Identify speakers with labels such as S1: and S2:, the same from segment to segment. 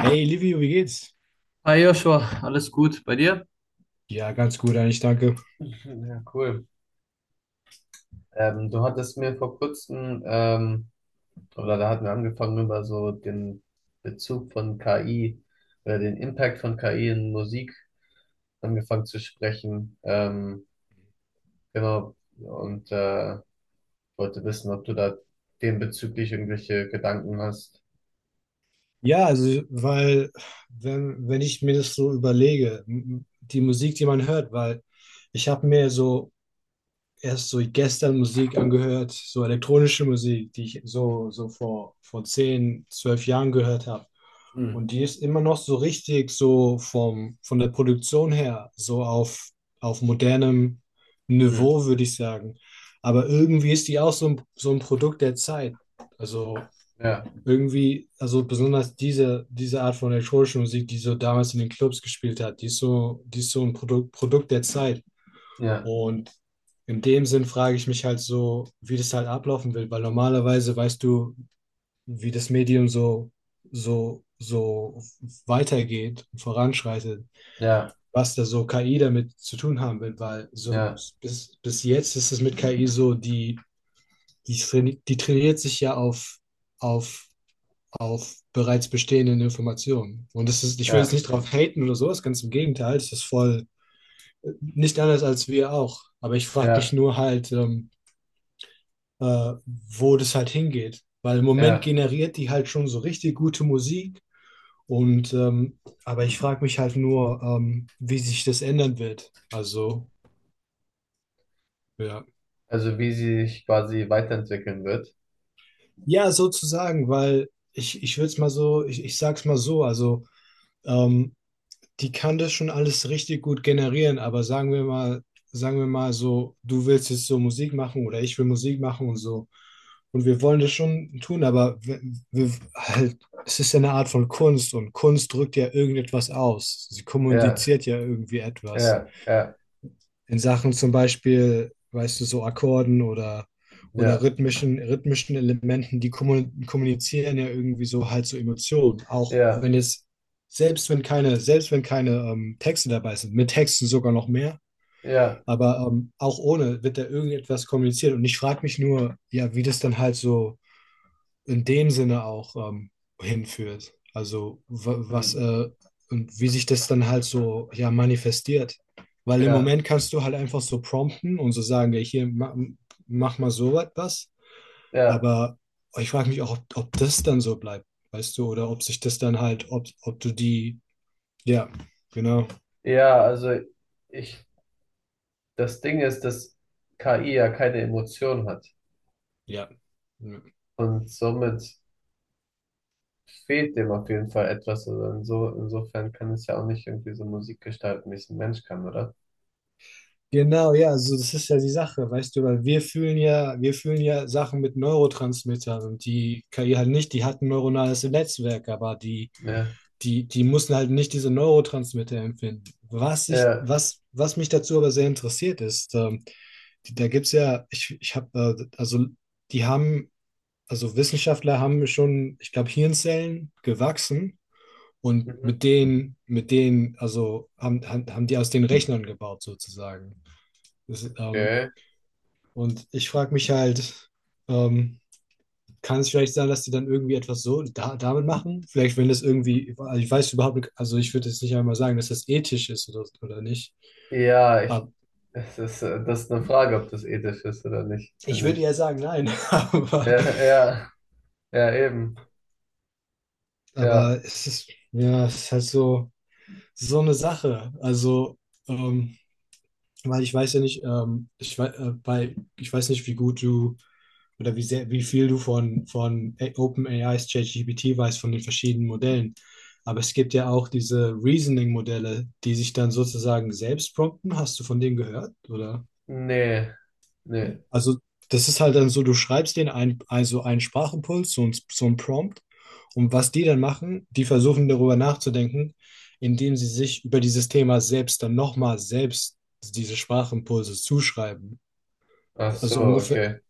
S1: Hey Livio, wie geht's?
S2: Hi Joshua, alles gut bei dir?
S1: Ja, ganz gut eigentlich, danke.
S2: Ja, cool. Du hattest mir vor kurzem, oder da hatten wir angefangen, über so den Bezug von KI oder den Impact von KI in Musik angefangen zu sprechen. Genau. Und wollte wissen, ob du da dem bezüglich irgendwelche Gedanken hast.
S1: Ja, also, weil, wenn ich mir das so überlege, die Musik, die man hört, weil ich habe mir so erst so gestern Musik angehört, so elektronische Musik, die ich so, so vor 10 12 Jahren gehört habe.
S2: Mhm.
S1: Und die ist immer noch so richtig von der Produktion her, auf modernem
S2: Mhm.
S1: Niveau, würde ich sagen. Aber irgendwie ist die auch so ein Produkt der Zeit. Also
S2: Ja,
S1: irgendwie, also besonders diese Art von elektronischer Musik, die so damals in den Clubs gespielt hat, die ist so ein Produkt der Zeit.
S2: ja,
S1: Und in dem Sinn frage ich mich halt so, wie das halt ablaufen will, weil normalerweise weißt du, wie das Medium so weitergeht und voranschreitet,
S2: ja,
S1: was da so KI damit zu tun haben will, weil so
S2: ja,
S1: bis jetzt ist es mit KI so, die trainiert sich ja auf auf bereits bestehenden Informationen. Und das ist, ich will jetzt
S2: ja,
S1: nicht drauf haten oder sowas, ganz im Gegenteil, das ist voll nicht anders als wir auch. Aber ich frage mich
S2: ja,
S1: nur halt, wo das halt hingeht. Weil im Moment
S2: ja.
S1: generiert die halt schon so richtig gute Musik. Und aber ich frage mich halt nur, wie sich das ändern wird. Also, ja.
S2: Also wie sie sich quasi weiterentwickeln wird.
S1: Ja, sozusagen, ich würde es mal so, ich sag's mal so, also ähm, die kann das schon alles richtig gut generieren, aber sagen wir mal so, du willst jetzt so Musik machen oder ich will Musik machen und so. Und wir wollen das schon tun, aber wir, halt, es ist ja eine Art von Kunst und Kunst drückt ja irgendetwas aus. Sie
S2: Ja.
S1: kommuniziert ja irgendwie etwas
S2: Ja, ja,
S1: in Sachen zum Beispiel, weißt du, so Akkorden oder
S2: ja,
S1: rhythmischen Elementen, die kommunizieren ja irgendwie so halt so Emotionen. Auch
S2: ja,
S1: wenn jetzt, Selbst wenn keine, selbst wenn keine Texte dabei sind, mit Texten sogar noch mehr,
S2: ja,
S1: aber auch ohne wird da irgendetwas kommuniziert. Und ich frage mich nur, ja, wie das dann halt so in dem Sinne auch hinführt. Also wa- was
S2: hm,
S1: und wie sich das dann halt so ja manifestiert. Weil im
S2: ja,
S1: Moment kannst du halt einfach so prompten und so sagen, ja, hier mach mal so was.
S2: ja,
S1: Aber ich frage mich auch, ob das dann so bleibt, weißt du, oder ob sich das dann halt, ob du die, ja, genau,
S2: ja, ich, das Ding ist, dass KI ja keine Emotion hat
S1: ja. Ja.
S2: und somit fehlt dem auf jeden Fall etwas. Also insofern kann es ja auch nicht irgendwie so Musik gestalten, wie es ein Mensch kann, oder?
S1: Genau, ja, also das ist ja die Sache, weißt du, weil wir fühlen ja Sachen mit Neurotransmittern und die KI halt nicht, die hat ein neuronales Netzwerk, aber
S2: Ja,
S1: die mussten halt nicht diese Neurotransmitter empfinden.
S2: ja,
S1: Was mich dazu aber sehr interessiert ist, die, da gibt's ja, ich habe, also die haben, also Wissenschaftler haben schon, ich glaube, Hirnzellen gewachsen und
S2: mhm,
S1: mit denen haben die aus den Rechnern gebaut sozusagen. Das, ist, ähm,
S2: okay.
S1: und ich frage mich halt, ähm, kann es vielleicht sein, dass die dann irgendwie etwas so da, damit machen? Vielleicht, wenn das irgendwie, also ich weiß überhaupt nicht, also ich würde jetzt nicht einmal sagen, dass das ethisch ist oder nicht.
S2: Ja, ich,
S1: Aber
S2: Es ist, das ist eine Frage, ob das ethisch ist oder nicht,
S1: ich
S2: finde
S1: würde
S2: ich.
S1: eher sagen, nein.
S2: Ja,
S1: Aber,
S2: ja, ja, eben, ja,
S1: aber es ist, ja, es ist halt so, so eine Sache. Also, ähm, weil ich weiß ja nicht, weil ich weiß nicht, wie gut du oder wie sehr, wie viel du von, von OpenAIs ChatGPT weißt, von den verschiedenen Modellen. Aber es gibt ja auch diese Reasoning-Modelle, die sich dann sozusagen selbst prompten. Hast du von denen gehört? Oder?
S2: nee, nee,
S1: Also, das ist halt dann so, du schreibst denen ein, also einen Sprachimpuls, so ein Prompt. Und was die dann machen, die versuchen darüber nachzudenken, indem sie sich über dieses Thema selbst dann nochmal selbst diese Sprachimpulse zuschreiben.
S2: ach so,
S1: Also ungefähr,
S2: okay.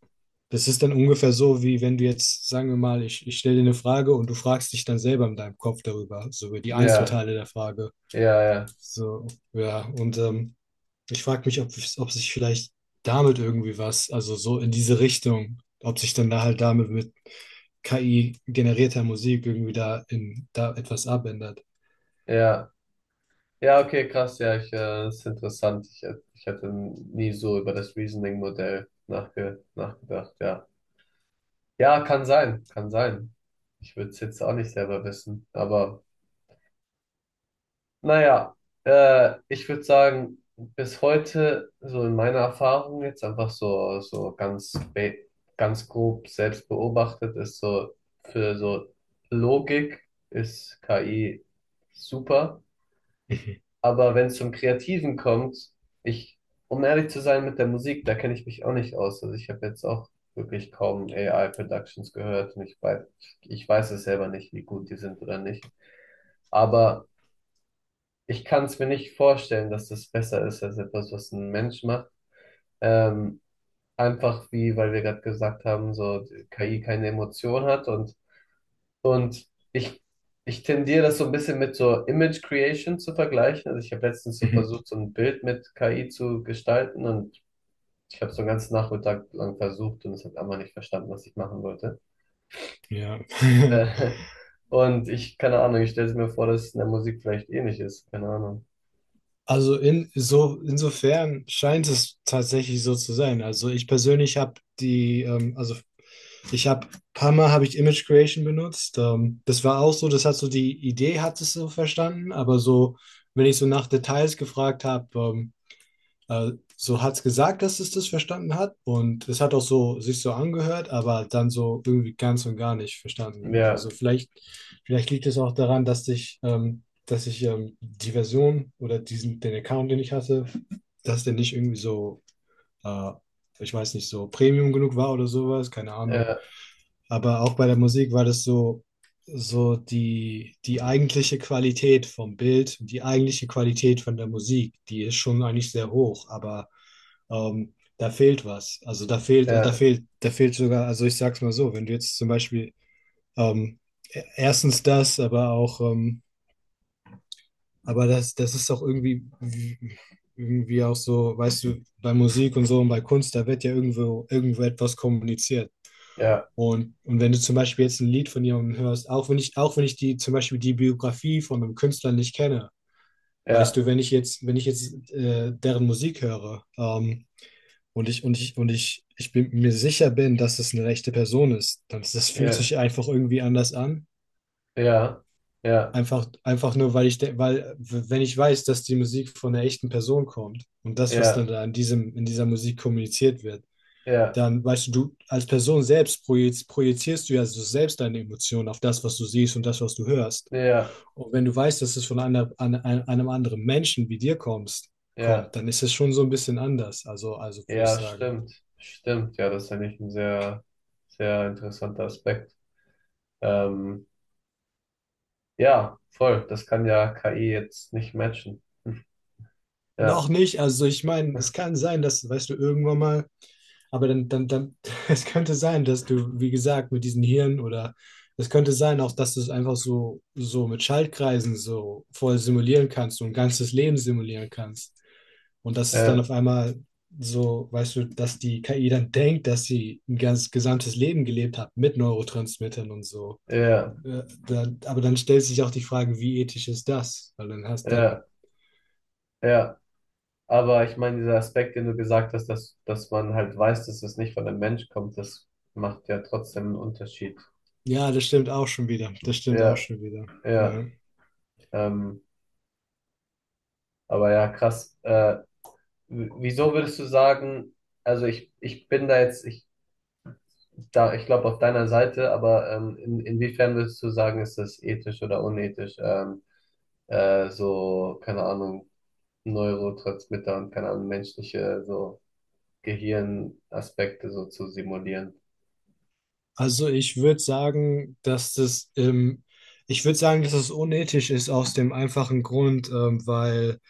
S1: das ist dann ungefähr so, wie wenn du jetzt, sagen wir mal, ich stelle dir eine Frage und du fragst dich dann selber in deinem Kopf darüber, so über die
S2: Ja,
S1: Einzelteile der Frage.
S2: ja, ja,
S1: So, ja, und ich frage mich, ob sich vielleicht damit irgendwie was, also so in diese Richtung, ob sich dann da halt damit mit KI generierter Musik irgendwie da in da etwas abändert.
S2: ja. Ja, okay, krass, ja, das ist interessant. Ich hätte nie so über das Reasoning-Modell nachgedacht, ja. Ja, kann sein, kann sein. Ich würde es jetzt auch nicht selber wissen, aber naja, ich würde sagen, bis heute, so in meiner Erfahrung jetzt einfach so, so ganz, ganz grob selbst beobachtet, ist so für so Logik ist KI super.
S1: Mhm.
S2: Aber wenn es zum Kreativen kommt, ich, um ehrlich zu sein mit der Musik, da kenne ich mich auch nicht aus. Also ich habe jetzt auch wirklich kaum AI-Productions gehört und ich weiß es selber nicht, wie gut die sind oder nicht. Aber ich kann es mir nicht vorstellen, dass das besser ist als etwas, was ein Mensch macht. Ähm, Einfach wie, weil wir gerade gesagt haben, so KI keine Emotion hat und ich, ich tendiere das so ein bisschen mit so Image Creation zu vergleichen. Also ich habe letztens so
S1: Mhm.
S2: versucht, so ein Bild mit KI zu gestalten und ich habe so einen ganzen Nachmittag lang versucht und es hat einfach nicht verstanden, was ich machen wollte.
S1: Ja.
S2: Äh, und keine Ahnung, ich stelle mir vor, dass es in der Musik vielleicht ähnlich ist. Keine Ahnung.
S1: Also in, so, insofern scheint es tatsächlich so zu sein. Also ich persönlich habe die, ich habe, paar Mal habe ich Image Creation benutzt. Das war auch so, das hat so die Idee, hat es so verstanden, aber so, wenn ich so nach Details gefragt habe, so hat es gesagt, dass es das verstanden hat und es hat auch so sich so angehört, aber dann so irgendwie ganz und gar nicht verstanden.
S2: Ja,
S1: Also vielleicht liegt es auch daran, dass ich die Version oder diesen, den Account, den ich hatte, dass der nicht irgendwie so äh, ich weiß nicht, so Premium genug war oder sowas, keine Ahnung.
S2: ja,
S1: Aber auch bei der Musik war das so, die eigentliche Qualität vom Bild, die eigentliche Qualität von der Musik, die ist schon eigentlich sehr hoch, aber da fehlt was. Also
S2: ja,
S1: da fehlt sogar, also ich sag's mal so, wenn du jetzt zum Beispiel ähm, erstens das, aber auch aber das ist auch irgendwie, irgendwie auch so, weißt du, bei Musik und so und bei Kunst, da wird ja irgendwo, irgendwo etwas kommuniziert. Und wenn du zum Beispiel jetzt ein Lied von jemandem hörst, auch wenn ich die, zum Beispiel die Biografie von einem Künstler nicht kenne, weißt
S2: ja,
S1: du, wenn ich jetzt deren Musik höre, und ich bin mir sicher bin, dass es eine rechte Person ist, dann das fühlt
S2: ja,
S1: sich einfach irgendwie anders an.
S2: ja, ja, ja,
S1: Einfach, einfach nur, weil ich, de- weil, w- wenn ich weiß, dass die Musik von einer echten Person kommt und das, was
S2: ja,
S1: dann da in diesem, in dieser Musik kommuniziert wird,
S2: ja,
S1: dann weißt du, du als Person selbst projizierst du ja so selbst deine Emotionen auf das, was du siehst und das, was du hörst.
S2: ja, ja,
S1: Und wenn du weißt, dass es von einem anderen Menschen wie dir
S2: ja,
S1: kommt, dann ist es schon so ein bisschen anders. Also würde ich
S2: ja,
S1: sagen.
S2: stimmt. Stimmt. Ja, das ist eigentlich ein sehr, sehr interessanter Aspekt. Ähm, ja, voll. Das kann ja KI jetzt nicht matchen. Hm.
S1: Noch
S2: Ja,
S1: nicht. Also ich meine, es kann sein, dass, weißt du, irgendwann mal, aber dann, es könnte sein, dass du, wie gesagt, mit diesen Hirn oder es könnte sein auch, dass du es einfach so, so mit Schaltkreisen so voll simulieren kannst, so ein ganzes Leben simulieren kannst. Und dass es dann
S2: ja,
S1: auf einmal so, weißt du, dass die KI dann denkt, dass sie ein ganz gesamtes Leben gelebt hat mit Neurotransmittern und so.
S2: ja,
S1: Aber dann stellt sich auch die Frage, wie ethisch ist das? Weil dann hast dann
S2: ja, ja. Aber ich meine, dieser Aspekt, den du gesagt hast, dass man halt weiß, dass es nicht von einem Mensch kommt, das macht ja trotzdem einen Unterschied.
S1: Ja, das stimmt auch schon wieder. Das stimmt auch
S2: Ja,
S1: schon wieder.
S2: ja.
S1: Ja.
S2: Ähm, aber ja, krass. Wieso würdest du sagen, ich bin da jetzt, ich glaube auf deiner Seite, aber inwiefern würdest du sagen, ist das ethisch oder unethisch? So, keine Ahnung, Neurotransmitter und keine Ahnung, menschliche so Gehirnaspekte so zu simulieren.
S1: Also ich würde sagen, dass das, ich würde sagen, dass es unethisch ist aus dem einfachen Grund, weil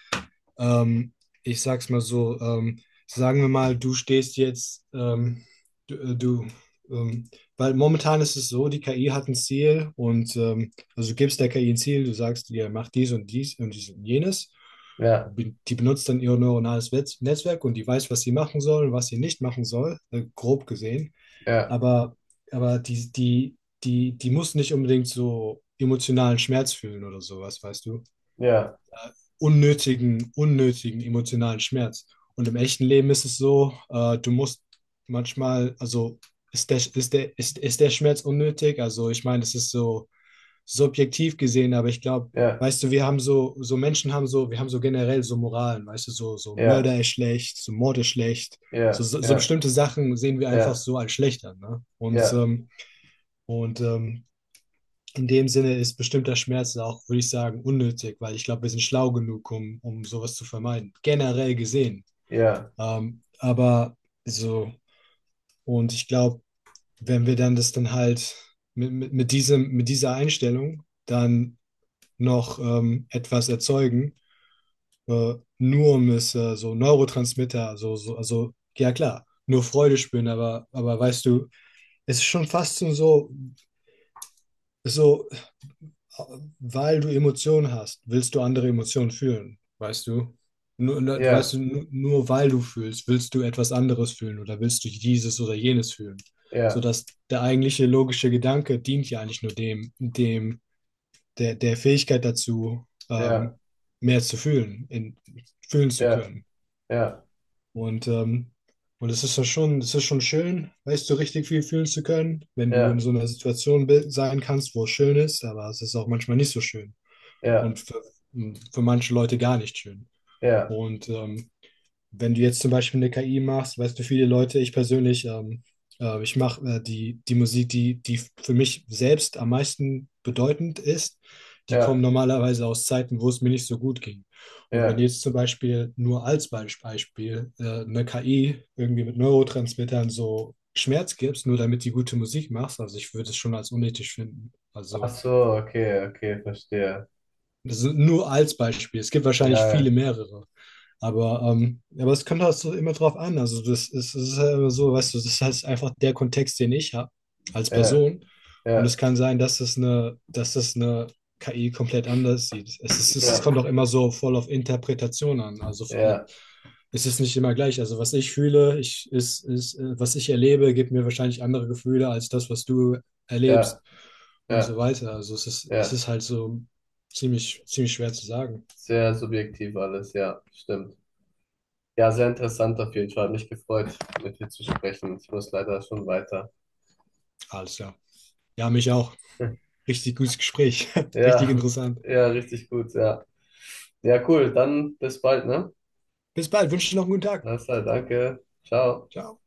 S1: Ähm, ich sag's mal so, sagen wir mal, du stehst jetzt, du, du ähm, weil momentan ist es so, die KI hat ein Ziel und also du gibst der KI ein Ziel, du sagst ihr, mach dies und dies und dies und jenes.
S2: Ja,
S1: Und die benutzt dann ihr Netzwerk und die weiß, was sie machen soll, was sie nicht machen soll, grob gesehen.
S2: ja,
S1: Aber, aber die, die, die muss nicht unbedingt so emotionalen Schmerz fühlen oder sowas, weißt du?
S2: ja,
S1: Unnötigen emotionalen Schmerz. Und im echten Leben ist es so, du musst manchmal, also ist der Schmerz unnötig? Also ich meine, das ist so subjektiv gesehen, aber ich glaube,
S2: ja,
S1: weißt du, wir haben so generell so Moralen, weißt du,
S2: ja,
S1: So Mord ist schlecht. So,
S2: ja,
S1: so, so
S2: ja,
S1: bestimmte Sachen sehen wir einfach
S2: ja,
S1: so als schlecht an. Ne? Und,
S2: ja,
S1: und ähm, in dem Sinne ist bestimmter Schmerz auch, würde ich sagen, unnötig, weil ich glaube, wir sind schlau genug, um sowas zu vermeiden, generell gesehen.
S2: ja,
S1: Aber so, und ich glaube, wenn wir dann das dann halt mit dieser Einstellung dann noch etwas erzeugen, nur um es so Neurotransmitter, also, ja klar, nur Freude spüren, aber weißt du, es ist schon fast so, weil du Emotionen hast, willst du andere Emotionen fühlen, weißt du?
S2: ja,
S1: Nur weil du fühlst, willst du etwas anderes fühlen oder willst du dieses oder jenes fühlen.
S2: ja,
S1: Sodass der eigentliche logische Gedanke dient ja eigentlich nur der Fähigkeit dazu,
S2: ja,
S1: mehr zu fühlen, fühlen zu
S2: ja,
S1: können.
S2: ja,
S1: Und, es ist ja schon, es ist schon schön, weißt du, richtig viel fühlen zu können, wenn du in
S2: ja,
S1: so einer Situation sein kannst, wo es schön ist, aber es ist auch manchmal nicht so schön
S2: ja,
S1: und für manche Leute gar nicht schön.
S2: ja,
S1: Und wenn du jetzt zum Beispiel eine KI machst, weißt du, viele Leute, ich persönlich, ich mache die Musik, die für mich selbst am meisten bedeutend ist, die kommen
S2: ja,
S1: normalerweise aus Zeiten, wo es mir nicht so gut ging. Und wenn
S2: ja.
S1: jetzt zum Beispiel nur als Beispiel eine KI irgendwie mit Neurotransmittern so Schmerz gibst, nur damit die gute Musik machst, also ich würde es schon als unethisch finden.
S2: Ach
S1: Also
S2: so, okay, okay, verstehe.
S1: Das ist nur als Beispiel. Es gibt wahrscheinlich
S2: Ja,
S1: viele mehrere. Aber, ja, aber es kommt halt so immer drauf an. Also das ist, es ist halt immer so, weißt du, das ist halt einfach der Kontext, den ich habe als
S2: ja,
S1: Person. Und es
S2: ja,
S1: kann sein, dass es eine KI komplett anders sieht. Es ist, es
S2: ja,
S1: kommt auch immer so voll auf Interpretation an.
S2: ja,
S1: Also
S2: ja.
S1: es ist nicht immer gleich. Also was ich fühle, ist, was ich erlebe, gibt mir wahrscheinlich andere Gefühle als das, was du
S2: Ja.
S1: erlebst und so
S2: Ja,
S1: weiter. Also es
S2: ja,
S1: ist halt so ziemlich, ziemlich schwer zu sagen.
S2: sehr subjektiv alles, ja, stimmt. Ja, sehr interessant auf jeden Fall. Hat mich gefreut, mit dir zu sprechen. Ich muss leider schon weiter.
S1: Alles klar. Ja, mich auch. Richtig gutes Gespräch. Richtig
S2: Ja,
S1: interessant.
S2: ja, richtig gut, ja. Ja, cool. Dann bis bald, ne?
S1: Bis bald. Wünsche dir noch einen guten Tag.
S2: Alles klar, danke. Ciao.
S1: Ciao.